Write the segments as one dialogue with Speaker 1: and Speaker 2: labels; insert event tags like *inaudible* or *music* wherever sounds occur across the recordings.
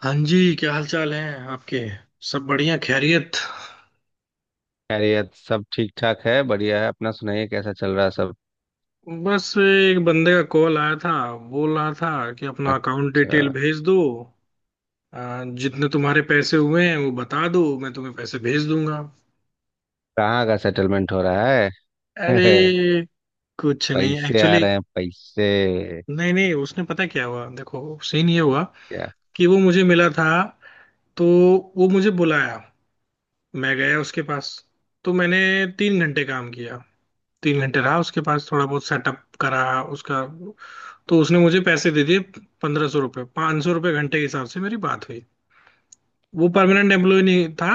Speaker 1: हाँ जी, क्या हाल चाल है आपके। सब बढ़िया, खैरियत।
Speaker 2: खैरियत सब ठीक ठाक है बढ़िया है अपना सुनाइए कैसा चल रहा है सब।
Speaker 1: बस एक बंदे का कॉल आया था। बोल रहा था कि अपना अकाउंट
Speaker 2: अच्छा।
Speaker 1: डिटेल भेज दो। जितने तुम्हारे पैसे हुए हैं वो बता दो, मैं तुम्हें पैसे भेज दूंगा।
Speaker 2: कहाँ का सेटलमेंट हो रहा है?
Speaker 1: अरे,
Speaker 2: *laughs*
Speaker 1: कुछ नहीं
Speaker 2: पैसे आ
Speaker 1: एक्चुअली।
Speaker 2: रहे हैं पैसे।
Speaker 1: नहीं नहीं, उसने पता क्या हुआ, देखो, सीन ये हुआ
Speaker 2: क्या?
Speaker 1: कि वो मुझे मिला था, तो वो मुझे बुलाया, मैं गया उसके पास। तो मैंने 3 घंटे काम किया, 3 घंटे रहा उसके पास, थोड़ा बहुत सेटअप करा उसका। तो उसने मुझे पैसे दे दिए 1500 रुपये। 500 रुपये घंटे के हिसाब से मेरी बात हुई। वो परमानेंट एम्प्लॉय नहीं था,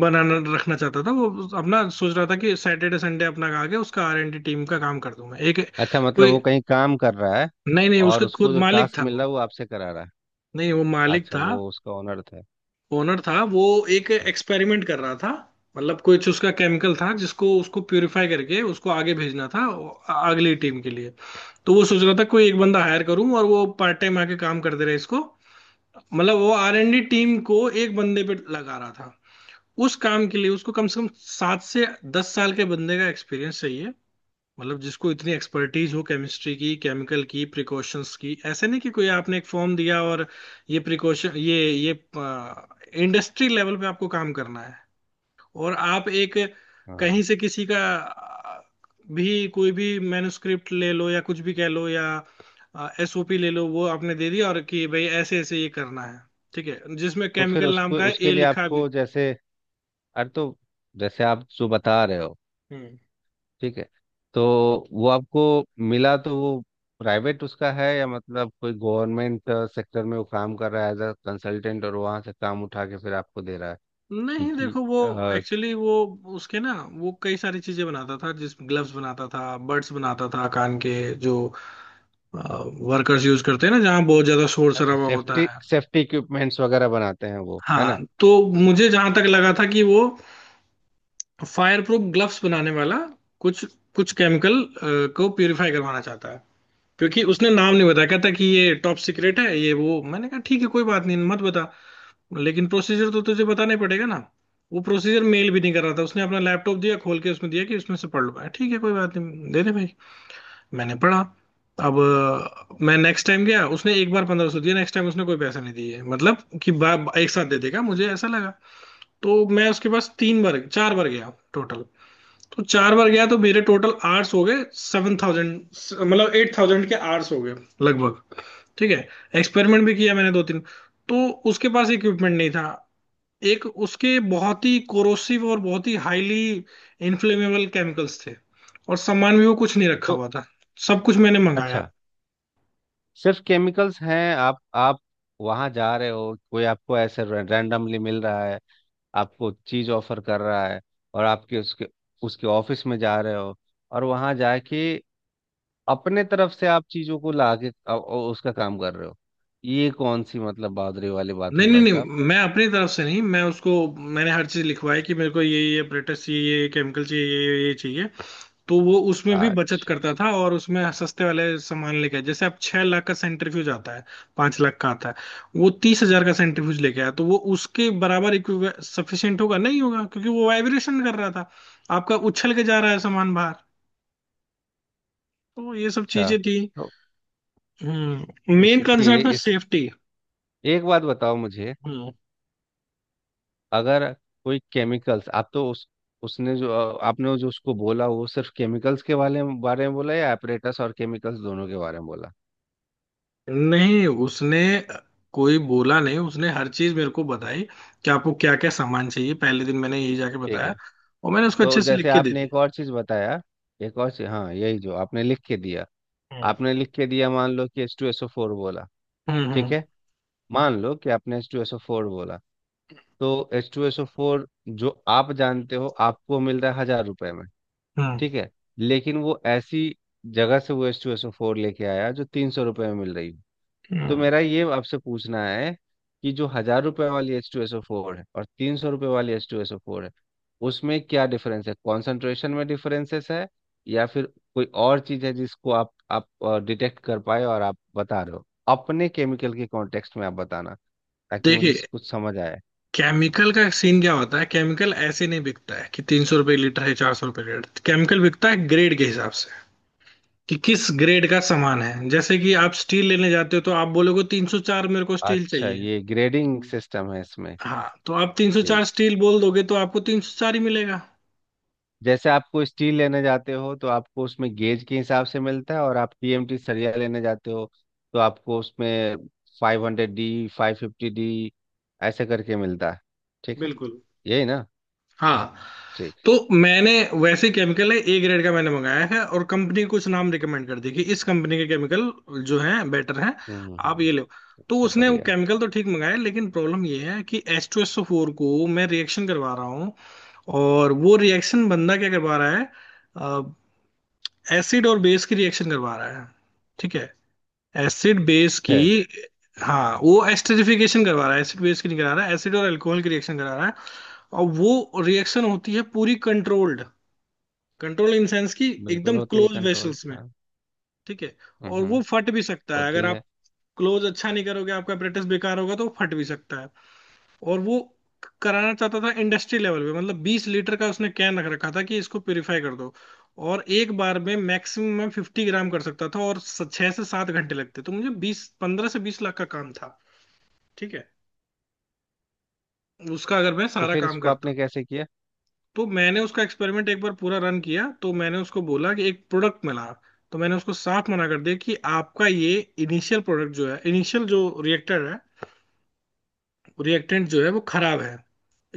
Speaker 1: बनाना रखना चाहता था वो अपना। सोच रहा था कि सैटरडे संडे अपना खा के उसका आर एंड डी टीम का काम कर दूंगा एक
Speaker 2: अच्छा मतलब
Speaker 1: कोई।
Speaker 2: वो कहीं काम कर रहा है?
Speaker 1: नहीं नहीं,
Speaker 2: और
Speaker 1: उसका
Speaker 2: उसको
Speaker 1: खुद
Speaker 2: जो
Speaker 1: मालिक
Speaker 2: टास्क
Speaker 1: था
Speaker 2: मिल
Speaker 1: वो।
Speaker 2: रहा है वो आपसे करा रहा है?
Speaker 1: नहीं, वो मालिक
Speaker 2: अच्छा
Speaker 1: था,
Speaker 2: वो उसका ऑनर था।
Speaker 1: ओनर था वो। एक एक्सपेरिमेंट कर रहा था। मतलब कुछ उसका केमिकल था जिसको उसको प्यूरिफाई करके उसको आगे भेजना था अगली टीम के लिए। तो वो सोच रहा था कोई एक बंदा हायर करूं और वो पार्ट टाइम आके काम करते रहे इसको। मतलब वो आर एन डी टीम को एक बंदे पे लगा रहा था। उस काम के लिए उसको कम से कम 7 से 10 साल के बंदे का एक्सपीरियंस चाहिए। मतलब जिसको इतनी एक्सपर्टीज हो केमिस्ट्री की, केमिकल की, प्रिकॉशंस की। ऐसे नहीं कि कोई आपने एक फॉर्म दिया और ये प्रिकॉशन ये इंडस्ट्री लेवल पे आपको काम करना है। और आप एक कहीं
Speaker 2: हाँ
Speaker 1: से किसी का भी कोई भी मैन्युस्क्रिप्ट ले लो या कुछ भी कह लो, या एसओपी ले लो, वो आपने दे दिया और कि भाई ऐसे ऐसे ये करना है। ठीक है, जिसमें
Speaker 2: तो फिर
Speaker 1: केमिकल नाम
Speaker 2: उसको
Speaker 1: का है,
Speaker 2: उसके
Speaker 1: ए
Speaker 2: लिए
Speaker 1: लिखा भी।
Speaker 2: आपको जैसे अरे तो जैसे आप जो बता रहे हो।
Speaker 1: हम्म।
Speaker 2: ठीक है। तो वो आपको मिला तो वो प्राइवेट उसका है या मतलब कोई गवर्नमेंट सेक्टर में वो काम कर रहा है एज अ कंसल्टेंट और वहाँ से काम उठा के फिर आपको दे रहा है?
Speaker 1: नहीं,
Speaker 2: क्योंकि
Speaker 1: देखो वो
Speaker 2: अ,
Speaker 1: एक्चुअली वो उसके ना वो कई सारी चीजें बनाता था। जिस ग्लव्स बनाता था, बड्स बनाता था कान के, जो वर्कर्स यूज करते हैं ना जहाँ बहुत ज्यादा शोर
Speaker 2: अच्छा
Speaker 1: शराबा होता
Speaker 2: सेफ्टी
Speaker 1: है।
Speaker 2: सेफ्टी इक्विपमेंट्स वगैरह बनाते हैं वो है ना?
Speaker 1: हाँ, तो मुझे जहां तक लगा था कि वो फायर प्रूफ ग्लव्स बनाने वाला कुछ कुछ केमिकल को प्यूरिफाई करवाना चाहता है। क्योंकि उसने नाम नहीं बताया, कहता कि ये टॉप सीक्रेट है, ये वो। मैंने कहा ठीक है, कोई बात नहीं, मत बता, लेकिन प्रोसीजर तो तुझे बताना ही पड़ेगा ना। वो प्रोसीजर मेल भी नहीं कर रहा था, उसने अपना लैपटॉप दिया खोल के, उसमें दिया कि उसमें से पढ़ लो। ठीक है कोई बात नहीं, दे दे भाई। मैंने पढ़ा। अब मैं नेक्स्ट टाइम गया, उसने एक बार 1500 दिया, नेक्स्ट टाइम उसने कोई पैसा नहीं दिए। मतलब कि बा, बा- एक साथ दे देगा मुझे, ऐसा लगा। तो मैं उसके पास तीन बार चार बार गया टोटल। तो चार बार गया तो मेरे टोटल आर्ट्स हो गए 7000, मतलब 8000 के आर्ट्स हो गए लगभग। ठीक है। एक्सपेरिमेंट भी किया मैंने दो तीन। तो उसके पास इक्विपमेंट नहीं था। एक उसके बहुत ही कोरोसिव और बहुत ही हाईली इन्फ्लेमेबल केमिकल्स थे। और सामान भी वो कुछ नहीं रखा
Speaker 2: तो
Speaker 1: हुआ था, सब कुछ मैंने मंगाया।
Speaker 2: अच्छा सिर्फ केमिकल्स हैं? आप वहाँ जा रहे हो कोई आपको ऐसे रैंडमली मिल रहा है आपको चीज़ ऑफर कर रहा है और आपके उसके उसके ऑफिस में जा रहे हो और वहाँ जाके अपने तरफ से आप चीजों को ला के उसका काम कर रहे हो। ये कौन सी मतलब बादरे वाली बात हुई
Speaker 1: नहीं नहीं
Speaker 2: भाई साहब?
Speaker 1: नहीं, मैं अपनी तरफ से नहीं, मैं उसको, मैंने हर चीज लिखवाई कि मेरे को ये ब्रेटस चाहिए, ये केमिकल चाहिए, ये चाहिए। तो वो उसमें भी बचत
Speaker 2: अच्छा
Speaker 1: करता
Speaker 2: अच्छा
Speaker 1: था और उसमें सस्ते वाले सामान लेके आया। जैसे अब 6 लाख का सेंट्रीफ्यूज आता है, 5 लाख का आता है, वो 30 हजार का सेंट्रीफ्यूज लेके आया। तो वो उसके बराबर सफिशियंट होगा नहीं होगा, क्योंकि वो वाइब्रेशन कर रहा था, आपका उछल के जा रहा है सामान बाहर। तो ये सब
Speaker 2: अच्छा।
Speaker 1: चीजें थी।
Speaker 2: तो
Speaker 1: हम्म, मेन
Speaker 2: उसके
Speaker 1: कंसर्न था
Speaker 2: इस
Speaker 1: सेफ्टी।
Speaker 2: एक बात बताओ मुझे।
Speaker 1: हम्म।
Speaker 2: अगर कोई केमिकल्स आप तो उस उसने जो आपने जो उसको बोला वो सिर्फ केमिकल्स के बारे में बोला या एपरेटस और केमिकल्स दोनों के बारे में बोला?
Speaker 1: नहीं, उसने कोई बोला नहीं, उसने हर चीज मेरे को बताई कि आपको क्या क्या सामान चाहिए। पहले दिन मैंने यही जाके
Speaker 2: ठीक
Speaker 1: बताया
Speaker 2: है।
Speaker 1: और मैंने उसको
Speaker 2: तो
Speaker 1: अच्छे से लिख
Speaker 2: जैसे
Speaker 1: के दे
Speaker 2: आपने एक
Speaker 1: दिया।
Speaker 2: और चीज बताया एक और चीज। हाँ यही जो आपने लिख के दिया।
Speaker 1: हम्म
Speaker 2: आपने लिख के दिया मान लो कि H two S O four बोला।
Speaker 1: हम्म।
Speaker 2: ठीक
Speaker 1: हम्म।
Speaker 2: है। मान लो कि आपने H two S O four बोला। तो H two S O four जो आप जानते हो आपको मिल रहा है हजार रुपए में।
Speaker 1: हाँ।
Speaker 2: ठीक है। लेकिन वो ऐसी जगह से वो H two S O four लेके आया जो तीन सौ रुपए में मिल रही हो। तो
Speaker 1: हम्म।
Speaker 2: मेरा ये आपसे पूछना है कि जो हजार रुपए वाली H two S O four है और तीन सौ रुपए वाली H two S O four है उसमें क्या डिफरेंस है? कॉन्सेंट्रेशन में डिफरेंसेस है या फिर कोई और चीज है जिसको आप डिटेक्ट कर पाए और आप बता रहे हो अपने केमिकल के कॉन्टेक्स्ट में आप बताना ताकि मुझे
Speaker 1: देखिए,
Speaker 2: कुछ समझ आए।
Speaker 1: केमिकल का सीन क्या होता है, केमिकल ऐसे नहीं बिकता है कि 300 रुपये लीटर है, 400 रुपये लीटर। केमिकल बिकता है ग्रेड के हिसाब से कि किस ग्रेड का सामान है। जैसे कि आप स्टील लेने जाते हो तो आप बोलोगे 304 मेरे को स्टील
Speaker 2: अच्छा
Speaker 1: चाहिए।
Speaker 2: ये ग्रेडिंग सिस्टम है इसमें?
Speaker 1: हाँ। तो आप 304
Speaker 2: ठीक।
Speaker 1: स्टील बोल दोगे तो आपको 304 ही मिलेगा।
Speaker 2: जैसे आपको स्टील लेने जाते हो तो आपको उसमें गेज के हिसाब से मिलता है और आप टीएमटी सरिया लेने जाते हो तो आपको उसमें five hundred D five fifty D ऐसे करके मिलता है। ठीक है
Speaker 1: बिल्कुल।
Speaker 2: यही ना?
Speaker 1: हाँ।
Speaker 2: ठीक।
Speaker 1: तो मैंने वैसे केमिकल है A ग्रेड का मैंने मंगाया है। और कंपनी कुछ नाम रिकमेंड कर दी कि इस कंपनी के केमिकल जो हैं बेटर हैं, आप
Speaker 2: हम्म।
Speaker 1: ये लो। तो
Speaker 2: अच्छा
Speaker 1: उसने वो
Speaker 2: बढ़िया
Speaker 1: केमिकल तो ठीक मंगाए, लेकिन प्रॉब्लम ये है कि H2SO4 को मैं रिएक्शन करवा रहा हूँ। और वो रिएक्शन बंदा क्या करवा रहा है, एसिड और बेस की रिएक्शन करवा रहा है। ठीक है, एसिड बेस की।
Speaker 2: है।
Speaker 1: हाँ, वो एस्टरीफिकेशन करवा रहा है, एसिड बेस की नहीं करा रहा है, एसिड और एल्कोहल की रिएक्शन करा रहा है। और वो रिएक्शन होती है पूरी कंट्रोल्ड। कंट्रोल इन सेंस की
Speaker 2: बिल्कुल
Speaker 1: एकदम
Speaker 2: होती है
Speaker 1: क्लोज
Speaker 2: कंट्रोल
Speaker 1: वेसल्स में।
Speaker 2: हाँ।
Speaker 1: ठीक है।
Speaker 2: हम्म,
Speaker 1: और वो
Speaker 2: हम्म।
Speaker 1: फट भी सकता है,
Speaker 2: होती
Speaker 1: अगर
Speaker 2: है।
Speaker 1: आप क्लोज अच्छा नहीं करोगे, आपका प्रैक्टिस बेकार होगा तो वो फट भी सकता है। और वो कराना चाहता था इंडस्ट्री लेवल पे। मतलब 20 लीटर का उसने कैन रख रखा था कि इसको प्योरीफाई कर दो। और एक बार में मैक्सिमम मैं 50 ग्राम कर सकता था और स- 6 से 7 घंटे लगते। तो मुझे बीस पंद्रह से 20 लाख का काम था। ठीक है, उसका अगर मैं
Speaker 2: तो
Speaker 1: सारा
Speaker 2: फिर
Speaker 1: काम
Speaker 2: इसको
Speaker 1: करता।
Speaker 2: आपने कैसे किया?
Speaker 1: तो मैंने उसका एक्सपेरिमेंट एक बार पूरा रन किया तो मैंने उसको बोला कि एक प्रोडक्ट मिला। तो मैंने उसको साफ मना कर दिया कि आपका ये इनिशियल प्रोडक्ट जो है, इनिशियल जो रिएक्टर है, रिएक्टेंट जो है, वो खराब है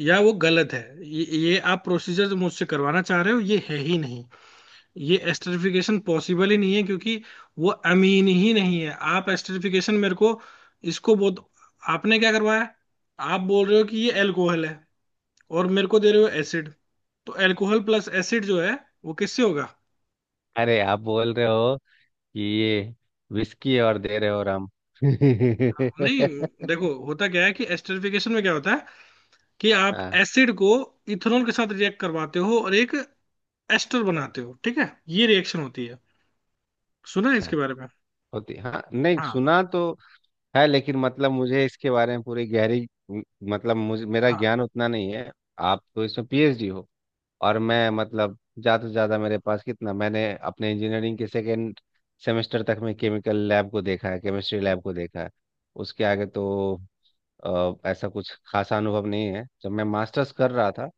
Speaker 1: या वो गलत है। ये आप प्रोसीजर जो मुझसे करवाना चाह रहे हो ये है ही नहीं। ये एस्टरिफिकेशन पॉसिबल ही नहीं है क्योंकि वो अमीन ही नहीं है। आप एस्टरिफिकेशन मेरे को इसको बहुत आपने क्या करवाया। आप बोल रहे हो कि ये एल्कोहल है और मेरे को दे रहे हो एसिड। तो अल्कोहल प्लस एसिड जो है वो किससे होगा।
Speaker 2: अरे आप बोल रहे हो कि ये विस्की और दे रहे हो राम।
Speaker 1: नहीं,
Speaker 2: *laughs*
Speaker 1: देखो होता क्या है कि एस्टरिफिकेशन में क्या होता है कि आप
Speaker 2: हाँ
Speaker 1: एसिड को इथेनॉल के साथ रिएक्ट करवाते हो और एक एस्टर बनाते हो। ठीक है, ये रिएक्शन होती है। सुना है
Speaker 2: अच्छा।
Speaker 1: इसके बारे में।
Speaker 2: होती हाँ नहीं
Speaker 1: हाँ।
Speaker 2: सुना तो है लेकिन मतलब मुझे इसके बारे में पूरी गहरी मतलब मुझे मेरा
Speaker 1: हाँ,
Speaker 2: ज्ञान उतना नहीं है। आप तो इसमें पीएचडी हो और मैं मतलब ज़्यादा से ज़्यादा मेरे पास कितना मैंने अपने इंजीनियरिंग के सेकेंड सेमेस्टर तक में केमिकल लैब को देखा है केमिस्ट्री लैब को देखा है। उसके आगे तो ऐसा कुछ खासा अनुभव नहीं है। जब मैं मास्टर्स कर रहा था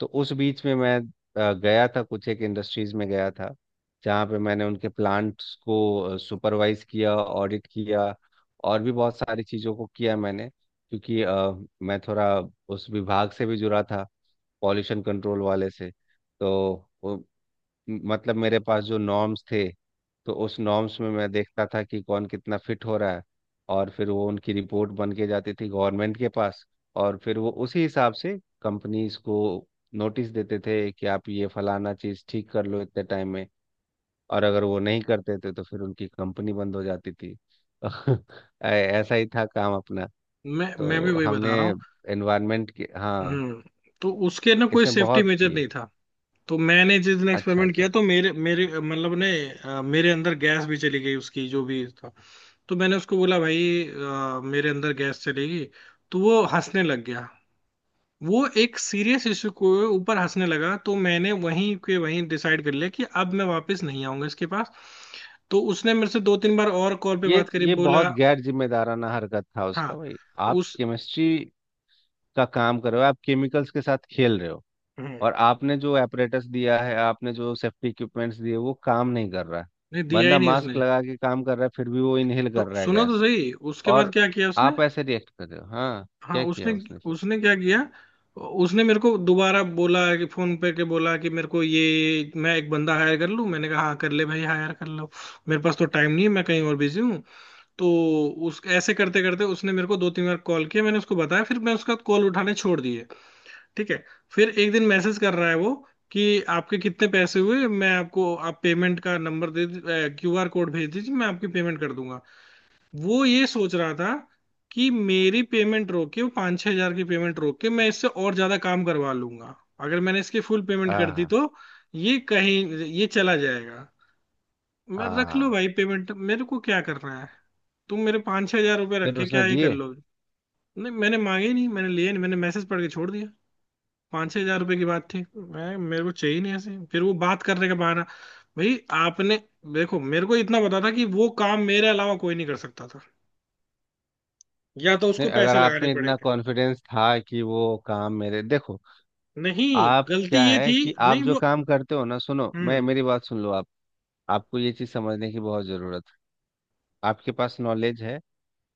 Speaker 2: तो उस बीच में मैं गया था कुछ एक इंडस्ट्रीज में गया था जहाँ पे मैंने उनके प्लांट्स को सुपरवाइज किया ऑडिट किया और भी बहुत सारी चीज़ों को किया मैंने क्योंकि मैं थोड़ा उस विभाग से भी जुड़ा था पॉल्यूशन कंट्रोल वाले से। तो वो मतलब मेरे पास जो नॉर्म्स थे तो उस नॉर्म्स में मैं देखता था कि कौन कितना फिट हो रहा है और फिर वो उनकी रिपोर्ट बन के जाती थी गवर्नमेंट के पास और फिर वो उसी हिसाब से कंपनीज को नोटिस देते थे कि आप ये फलाना चीज़ ठीक कर लो इतने टाइम में और अगर वो नहीं करते थे तो फिर उनकी कंपनी बंद हो जाती थी। *laughs* ऐसा ही था काम अपना।
Speaker 1: मैं
Speaker 2: तो
Speaker 1: भी वही
Speaker 2: हमने
Speaker 1: बता रहा हूँ।
Speaker 2: एनवायरनमेंट के हाँ
Speaker 1: हम्म। तो उसके ना कोई
Speaker 2: इसमें
Speaker 1: सेफ्टी
Speaker 2: बहुत
Speaker 1: मेजर
Speaker 2: किए।
Speaker 1: नहीं था। तो मैंने जिस दिन
Speaker 2: अच्छा
Speaker 1: एक्सपेरिमेंट किया
Speaker 2: अच्छा।
Speaker 1: तो मेरे मेरे मतलब ने मेरे अंदर गैस भी चली गई उसकी जो भी। तो मैंने उसको बोला भाई, मेरे अंदर गैस चलेगी, तो वो हंसने लग गया। वो एक सीरियस इशू को ऊपर हंसने लगा, तो मैंने वहीं के वहीं डिसाइड कर लिया कि अब मैं वापस नहीं आऊंगा इसके पास। तो उसने मेरे से दो तीन बार और कॉल पे
Speaker 2: ये
Speaker 1: बात करी,
Speaker 2: ये बहुत
Speaker 1: बोला।
Speaker 2: गैर जिम्मेदाराना हरकत था उसका
Speaker 1: हाँ,
Speaker 2: भाई। आप
Speaker 1: उस।
Speaker 2: केमिस्ट्री का काम कर रहे हो आप केमिकल्स के साथ खेल रहे हो
Speaker 1: हम्म।
Speaker 2: और आपने जो एपरेटस दिया है आपने जो सेफ्टी इक्विपमेंट्स दिए वो काम नहीं कर रहा है।
Speaker 1: नहीं दिया ही
Speaker 2: बंदा
Speaker 1: नहीं
Speaker 2: मास्क
Speaker 1: उसने।
Speaker 2: लगा के काम कर रहा है फिर भी वो इनहेल
Speaker 1: तो
Speaker 2: कर रहा है
Speaker 1: सुनो तो
Speaker 2: गैस।
Speaker 1: सही उसके बाद
Speaker 2: और
Speaker 1: क्या किया उसने।
Speaker 2: आप ऐसे रिएक्ट कर रहे हो हाँ।
Speaker 1: हाँ
Speaker 2: क्या
Speaker 1: उसने,
Speaker 2: किया उसने फिर?
Speaker 1: उसने क्या किया, उसने मेरे को दोबारा बोला कि फोन पे के बोला कि मेरे को ये मैं एक बंदा हायर कर लूँ। मैंने कहा हाँ, कर ले भाई, हायर कर लो, मेरे पास तो टाइम नहीं है, मैं कहीं और बिजी हूँ। तो उस ऐसे करते करते उसने मेरे को दो तीन बार कॉल किया, मैंने उसको बताया, फिर मैं उसका कॉल उठाने छोड़ दिए। ठीक है। फिर एक दिन मैसेज कर रहा है वो कि आपके कितने पैसे हुए मैं आपको, आप पेमेंट का नंबर दे, QR कोड भेज दीजिए, मैं आपकी पेमेंट कर दूंगा। वो ये सोच रहा था कि मेरी पेमेंट रोक के, वो 5-6 हजार की पेमेंट रोक के, मैं इससे और ज्यादा काम करवा लूंगा अगर मैंने इसकी फुल पेमेंट कर दी,
Speaker 2: हाँ
Speaker 1: तो ये कहीं ये चला जाएगा। मैं, रख लो
Speaker 2: हाँ।
Speaker 1: भाई पेमेंट, मेरे को क्या करना है, तुम मेरे 5-6 हजार रुपये रख
Speaker 2: फिर
Speaker 1: के
Speaker 2: उसने
Speaker 1: क्या ही कर
Speaker 2: दिए?
Speaker 1: लोगे। नहीं मैंने मांगे, नहीं मैंने लिए, नहीं मैंने मैसेज पढ़ के छोड़ दिया। 5-6 हजार रुपये की बात थी, मैं मेरे को चाहिए नहीं ऐसे। फिर वो बात करने का बहाना। भाई आपने, देखो मेरे को इतना पता था कि वो काम मेरे अलावा कोई नहीं कर सकता था, या तो
Speaker 2: नहीं
Speaker 1: उसको
Speaker 2: अगर
Speaker 1: पैसे
Speaker 2: आप
Speaker 1: लगाने
Speaker 2: में इतना
Speaker 1: पड़ेंगे।
Speaker 2: कॉन्फिडेंस था कि वो काम मेरे देखो
Speaker 1: नहीं,
Speaker 2: आप
Speaker 1: गलती
Speaker 2: क्या
Speaker 1: ये
Speaker 2: है
Speaker 1: थी।
Speaker 2: कि आप
Speaker 1: नहीं
Speaker 2: जो
Speaker 1: वो।
Speaker 2: काम करते हो ना सुनो मैं
Speaker 1: हम्म।
Speaker 2: मेरी बात सुन लो आप। आपको ये चीज़ समझने की बहुत ज़रूरत है। आपके पास नॉलेज है।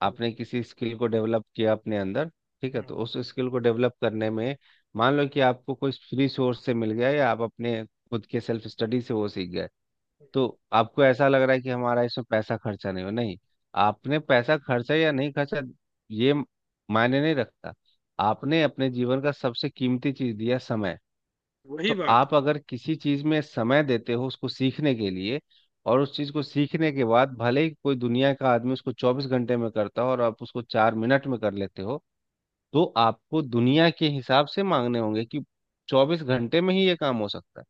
Speaker 2: आपने किसी स्किल को डेवलप किया अपने अंदर। ठीक है
Speaker 1: हम्म,
Speaker 2: तो उस स्किल को डेवलप करने में मान लो कि आपको कोई फ्री सोर्स से मिल गया या आप अपने खुद के सेल्फ स्टडी से वो सीख गए तो आपको ऐसा लग रहा है कि हमारा इसमें पैसा खर्चा नहीं हो नहीं आपने पैसा खर्चा या नहीं खर्चा ये मायने नहीं रखता। आपने अपने जीवन का सबसे कीमती चीज़ दिया समय।
Speaker 1: वही
Speaker 2: तो
Speaker 1: बात।
Speaker 2: आप अगर किसी चीज में समय देते हो उसको सीखने के लिए और उस चीज को सीखने के बाद भले ही कोई दुनिया का आदमी उसको चौबीस घंटे में करता हो और आप उसको चार मिनट में कर लेते हो तो आपको दुनिया के हिसाब से मांगने होंगे कि चौबीस घंटे में ही ये काम हो सकता है।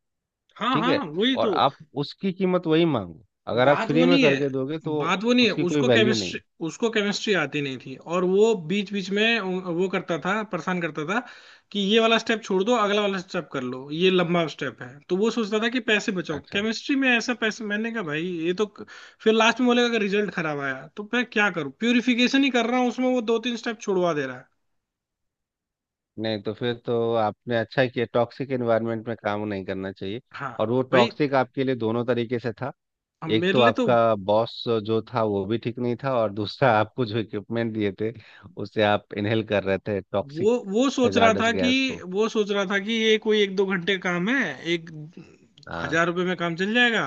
Speaker 1: हाँ
Speaker 2: ठीक है
Speaker 1: हाँ वही
Speaker 2: और
Speaker 1: तो।
Speaker 2: आप उसकी कीमत वही मांगो। अगर आप
Speaker 1: बात वो
Speaker 2: फ्री में
Speaker 1: नहीं है,
Speaker 2: करके दोगे तो
Speaker 1: बात वो नहीं है,
Speaker 2: उसकी कोई
Speaker 1: उसको
Speaker 2: वैल्यू नहीं
Speaker 1: केमिस्ट्री,
Speaker 2: है।
Speaker 1: उसको केमिस्ट्री आती नहीं थी। और वो बीच बीच में वो करता था, परेशान करता था कि ये वाला स्टेप छोड़ दो, अगला वाला स्टेप कर लो, ये लंबा स्टेप है। तो वो सोचता था कि पैसे बचाओ
Speaker 2: अच्छा।
Speaker 1: केमिस्ट्री में ऐसा पैसे। मैंने कहा भाई ये तो क-। फिर लास्ट में बोलेगा कि रिजल्ट खराब आया, तो मैं क्या करूं, प्यूरिफिकेशन ही कर रहा हूँ उसमें वो दो तीन स्टेप छुड़वा दे रहा है।
Speaker 2: नहीं तो फिर तो आपने अच्छा किया टॉक्सिक एनवायरनमेंट में काम नहीं करना चाहिए।
Speaker 1: हाँ,
Speaker 2: और वो
Speaker 1: भाई
Speaker 2: टॉक्सिक आपके लिए दोनों तरीके से था।
Speaker 1: अब
Speaker 2: एक
Speaker 1: मेरे
Speaker 2: तो
Speaker 1: लिए तो।
Speaker 2: आपका बॉस जो था वो भी ठीक नहीं था और दूसरा *laughs*
Speaker 1: हाँ,
Speaker 2: आपको जो इक्विपमेंट दिए थे उससे आप इनहेल कर रहे थे टॉक्सिक
Speaker 1: वो सोच रहा
Speaker 2: हैजार्डस
Speaker 1: था कि
Speaker 2: गैस को।
Speaker 1: वो सोच रहा था कि ये कोई एक दो घंटे का काम है, एक
Speaker 2: हाँ।
Speaker 1: हजार रुपये में काम चल जाएगा।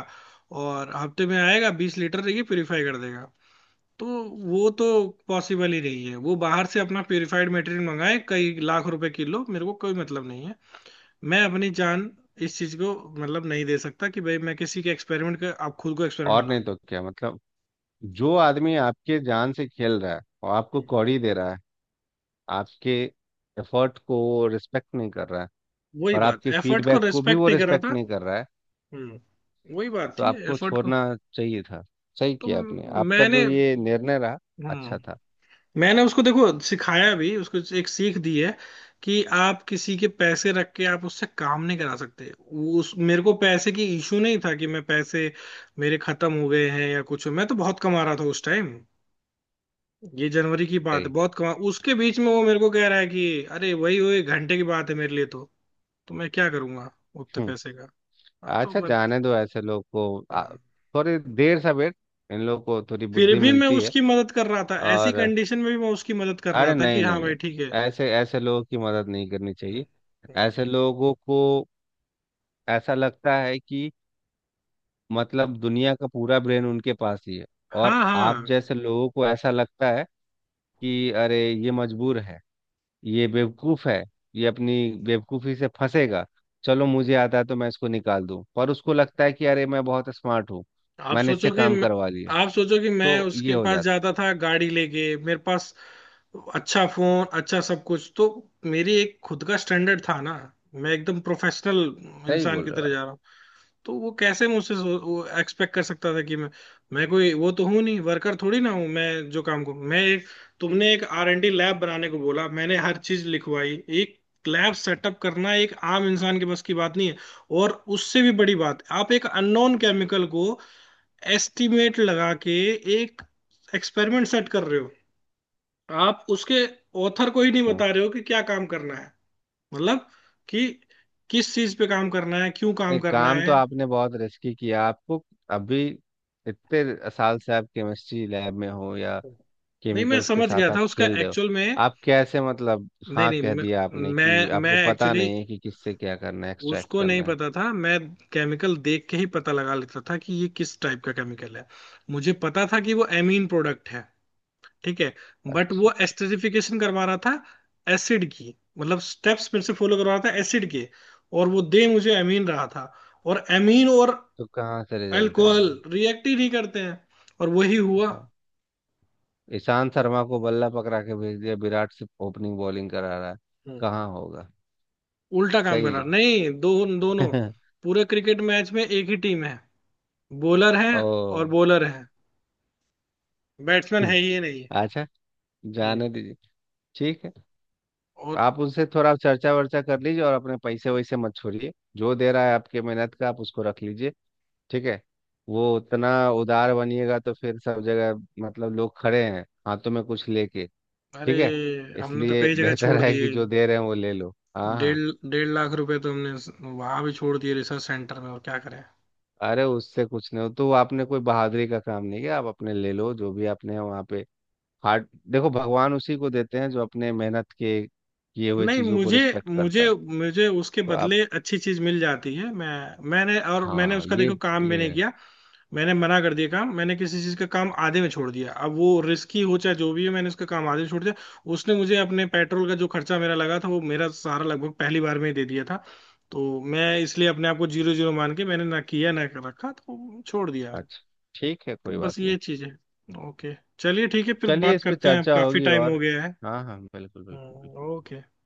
Speaker 1: और हफ्ते में आएगा 20 लीटर ये प्योरीफाई कर देगा। तो वो तो पॉसिबल ही नहीं है, वो बाहर से अपना प्योरीफाइड मटेरियल मंगाए कई लाख रुपए किलो, मेरे को कोई मतलब नहीं है। मैं अपनी जान इस चीज को मतलब नहीं दे सकता कि भाई मैं किसी के एक्सपेरिमेंट का आप खुद को एक्सपेरिमेंट
Speaker 2: और नहीं
Speaker 1: बना।
Speaker 2: तो क्या मतलब जो आदमी आपके जान से खेल रहा है और आपको
Speaker 1: हम्म,
Speaker 2: कौड़ी दे रहा है आपके एफर्ट को रिस्पेक्ट नहीं कर रहा है।
Speaker 1: वही
Speaker 2: और
Speaker 1: बात,
Speaker 2: आपके
Speaker 1: एफर्ट को
Speaker 2: फीडबैक को भी
Speaker 1: रेस्पेक्ट
Speaker 2: वो
Speaker 1: नहीं कर रहा
Speaker 2: रिस्पेक्ट
Speaker 1: था।
Speaker 2: नहीं कर रहा है।
Speaker 1: हम्म वही बात
Speaker 2: तो
Speaker 1: थी
Speaker 2: आपको
Speaker 1: एफर्ट को।
Speaker 2: छोड़ना चाहिए था। सही
Speaker 1: तो
Speaker 2: किया आपने आपका जो
Speaker 1: मैंने,
Speaker 2: ये निर्णय रहा
Speaker 1: हाँ,
Speaker 2: अच्छा था।
Speaker 1: मैंने उसको देखो सिखाया भी, उसको एक सीख दी है कि आप किसी के पैसे रख के आप उससे काम नहीं करा सकते। वो- उस मेरे को पैसे की इशू नहीं था कि मैं पैसे, मेरे खत्म हो गए हैं या कुछ। मैं तो बहुत कमा रहा था उस टाइम। ये जनवरी की बात है,
Speaker 2: सही।
Speaker 1: बहुत कमा, उसके बीच में वो मेरे को कह रहा है कि अरे वही वही घंटे की बात है मेरे लिए तो। तो मैं क्या करूंगा उतने
Speaker 2: हम्म।
Speaker 1: पैसे का। हाँ, तो
Speaker 2: अच्छा
Speaker 1: मैं
Speaker 2: जाने दो ऐसे लोग को
Speaker 1: हाँ।
Speaker 2: थोड़ी देर से वेट इन लोग को थोड़ी
Speaker 1: फिर
Speaker 2: बुद्धि
Speaker 1: भी मैं
Speaker 2: मिलती है।
Speaker 1: उसकी मदद कर रहा था, ऐसी
Speaker 2: और
Speaker 1: कंडीशन में भी मैं उसकी मदद कर रहा
Speaker 2: अरे
Speaker 1: था कि
Speaker 2: नहीं नहीं
Speaker 1: हाँ
Speaker 2: नहीं।
Speaker 1: भाई ठीक
Speaker 2: ऐसे ऐसे लोगों की मदद नहीं करनी चाहिए।
Speaker 1: है।
Speaker 2: ऐसे लोगों को ऐसा लगता है कि मतलब दुनिया का पूरा ब्रेन उनके पास ही है और
Speaker 1: हाँ
Speaker 2: आप
Speaker 1: हाँ।
Speaker 2: जैसे लोगों को ऐसा लगता है कि अरे ये मजबूर है ये बेवकूफ है ये अपनी बेवकूफी से फंसेगा। चलो मुझे आता है तो मैं इसको निकाल दूं पर उसको लगता है कि अरे मैं बहुत स्मार्ट हूँ
Speaker 1: आप
Speaker 2: मैंने
Speaker 1: सोचो
Speaker 2: इससे
Speaker 1: कि
Speaker 2: काम
Speaker 1: मैं-
Speaker 2: करवा लिया।
Speaker 1: आप सोचो कि मैं
Speaker 2: तो ये
Speaker 1: उसके
Speaker 2: हो
Speaker 1: पास
Speaker 2: जाता
Speaker 1: जाता
Speaker 2: है।
Speaker 1: था गाड़ी लेके, मेरे पास अच्छा फोन, अच्छा सब कुछ। तो मेरी एक खुद का स्टैंडर्ड था ना। मैं एकदम प्रोफेशनल
Speaker 2: सही
Speaker 1: इंसान
Speaker 2: बोल
Speaker 1: की
Speaker 2: रहे हो
Speaker 1: तरह
Speaker 2: आप।
Speaker 1: जा रहा हूँ। तो वो कैसे मुझसे एक्सपेक्ट कर सकता था कि मैं कोई वो तो हूं नहीं, वर्कर थोड़ी ना हूं मैं, जो काम को मैं एक। तुमने एक आर एंड डी लैब बनाने को बोला, मैंने हर चीज लिखवाई। एक लैब सेटअप करना एक आम इंसान के बस की बात नहीं है। और उससे भी बड़ी बात, आप एक अननोन केमिकल को एस्टिमेट लगा के एक एक्सपेरिमेंट सेट कर रहे हो। आप उसके ऑथर को ही नहीं
Speaker 2: हम्म।
Speaker 1: बता रहे हो कि क्या काम करना है, मतलब कि किस चीज पे काम करना है, क्यों काम
Speaker 2: नहीं
Speaker 1: करना
Speaker 2: काम तो
Speaker 1: है।
Speaker 2: आपने बहुत रिस्की किया। आपको अभी इतने साल से आप केमिस्ट्री लैब में हो या
Speaker 1: नहीं, मैं
Speaker 2: केमिकल्स के
Speaker 1: समझ
Speaker 2: साथ
Speaker 1: गया
Speaker 2: आप
Speaker 1: था उसका
Speaker 2: खेल रहे हो।
Speaker 1: एक्चुअल में।
Speaker 2: आप कैसे मतलब
Speaker 1: नहीं
Speaker 2: हाँ कह
Speaker 1: नहीं, मैं
Speaker 2: दिया आपने कि
Speaker 1: मैं, मैं
Speaker 2: आपको पता
Speaker 1: एक्चुअली,
Speaker 2: नहीं है कि किससे क्या करना है एक्सट्रैक्ट
Speaker 1: उसको नहीं
Speaker 2: करना है।
Speaker 1: पता था। मैं केमिकल देख के ही पता लगा लेता था कि ये किस टाइप का केमिकल है। मुझे पता था कि वो एमीन प्रोडक्ट है। ठीक है। बट
Speaker 2: अच्छा
Speaker 1: वो
Speaker 2: अच्छा अच्छा।
Speaker 1: एस्टरीफिकेशन करवा रहा था। एसिड की, मतलब स्टेप्स मेरे से फॉलो करवा रहा था एसिड के, और वो दे मुझे एमीन रहा था। और एमीन और
Speaker 2: तो कहाँ से रिजल्ट
Speaker 1: अल्कोहल
Speaker 2: आएगा
Speaker 1: रिएक्ट ही नहीं करते हैं, और वही हुआ।
Speaker 2: बताओ। ईशांत शर्मा को बल्ला पकड़ा के भेज दिया विराट से ओपनिंग बॉलिंग करा रहा है कहाँ होगा?
Speaker 1: उल्टा काम करा
Speaker 2: सही
Speaker 1: नहीं दो दोनों।
Speaker 2: है। *laughs*
Speaker 1: पूरे क्रिकेट मैच में एक ही टीम है, बॉलर है और
Speaker 2: ओ।
Speaker 1: बॉलर है, बैट्समैन है ही नहीं।
Speaker 2: अच्छा
Speaker 1: हम्म
Speaker 2: जाने दीजिए। ठीक है।
Speaker 1: और
Speaker 2: आप उनसे थोड़ा चर्चा वर्चा कर लीजिए और अपने पैसे वैसे मत छोड़िए। जो दे रहा है आपके मेहनत का आप उसको रख लीजिए। ठीक है वो उतना उदार बनिएगा तो फिर सब जगह मतलब लोग खड़े हैं हाथों में कुछ लेके।
Speaker 1: अरे,
Speaker 2: ठीक है
Speaker 1: हमने तो
Speaker 2: इसलिए
Speaker 1: कई जगह
Speaker 2: बेहतर
Speaker 1: छोड़
Speaker 2: है कि
Speaker 1: दिए।
Speaker 2: जो दे रहे हैं वो ले लो हाँ हाँ।
Speaker 1: डेढ़ 1.5 लाख रुपए तो हमने वहां भी छोड़ दिए रिसर्च सेंटर में, और क्या करें।
Speaker 2: अरे उससे कुछ नहीं हो तो आपने कोई बहादुरी का काम नहीं किया आप अपने ले लो जो भी आपने वहाँ पे। हार्ड देखो भगवान उसी को देते हैं जो अपने मेहनत के किए हुए
Speaker 1: नहीं,
Speaker 2: चीज़ों को
Speaker 1: मुझे
Speaker 2: रिस्पेक्ट
Speaker 1: मुझे
Speaker 2: करता है।
Speaker 1: मुझे उसके
Speaker 2: तो आप
Speaker 1: बदले अच्छी चीज मिल जाती है। मैंने
Speaker 2: हाँ
Speaker 1: उसका
Speaker 2: ये
Speaker 1: देखो काम भी नहीं
Speaker 2: ये
Speaker 1: किया। मैंने मना कर दिया काम, मैंने किसी चीज का काम आधे में छोड़ दिया। अब वो रिस्की हो चाहे जो भी है, मैंने उसका काम आधे में छोड़ दिया। उसने मुझे अपने पेट्रोल का जो खर्चा मेरा लगा था वो मेरा सारा लगभग पहली बार में ही दे दिया था। तो मैं इसलिए अपने आप को जीरो जीरो मान के मैंने, ना किया ना रखा, तो छोड़ दिया मैंने।
Speaker 2: अच्छा ठीक है
Speaker 1: तो
Speaker 2: कोई बात
Speaker 1: बस ये
Speaker 2: नहीं।
Speaker 1: चीज है। ओके, चलिए ठीक है, फिर
Speaker 2: चलिए
Speaker 1: बात
Speaker 2: इस पे
Speaker 1: करते हैं,
Speaker 2: चर्चा
Speaker 1: काफी
Speaker 2: होगी
Speaker 1: टाइम
Speaker 2: और
Speaker 1: हो गया है।
Speaker 2: हाँ हाँ बिल्कुल बिल्कुल बिल्कुल।
Speaker 1: ओके।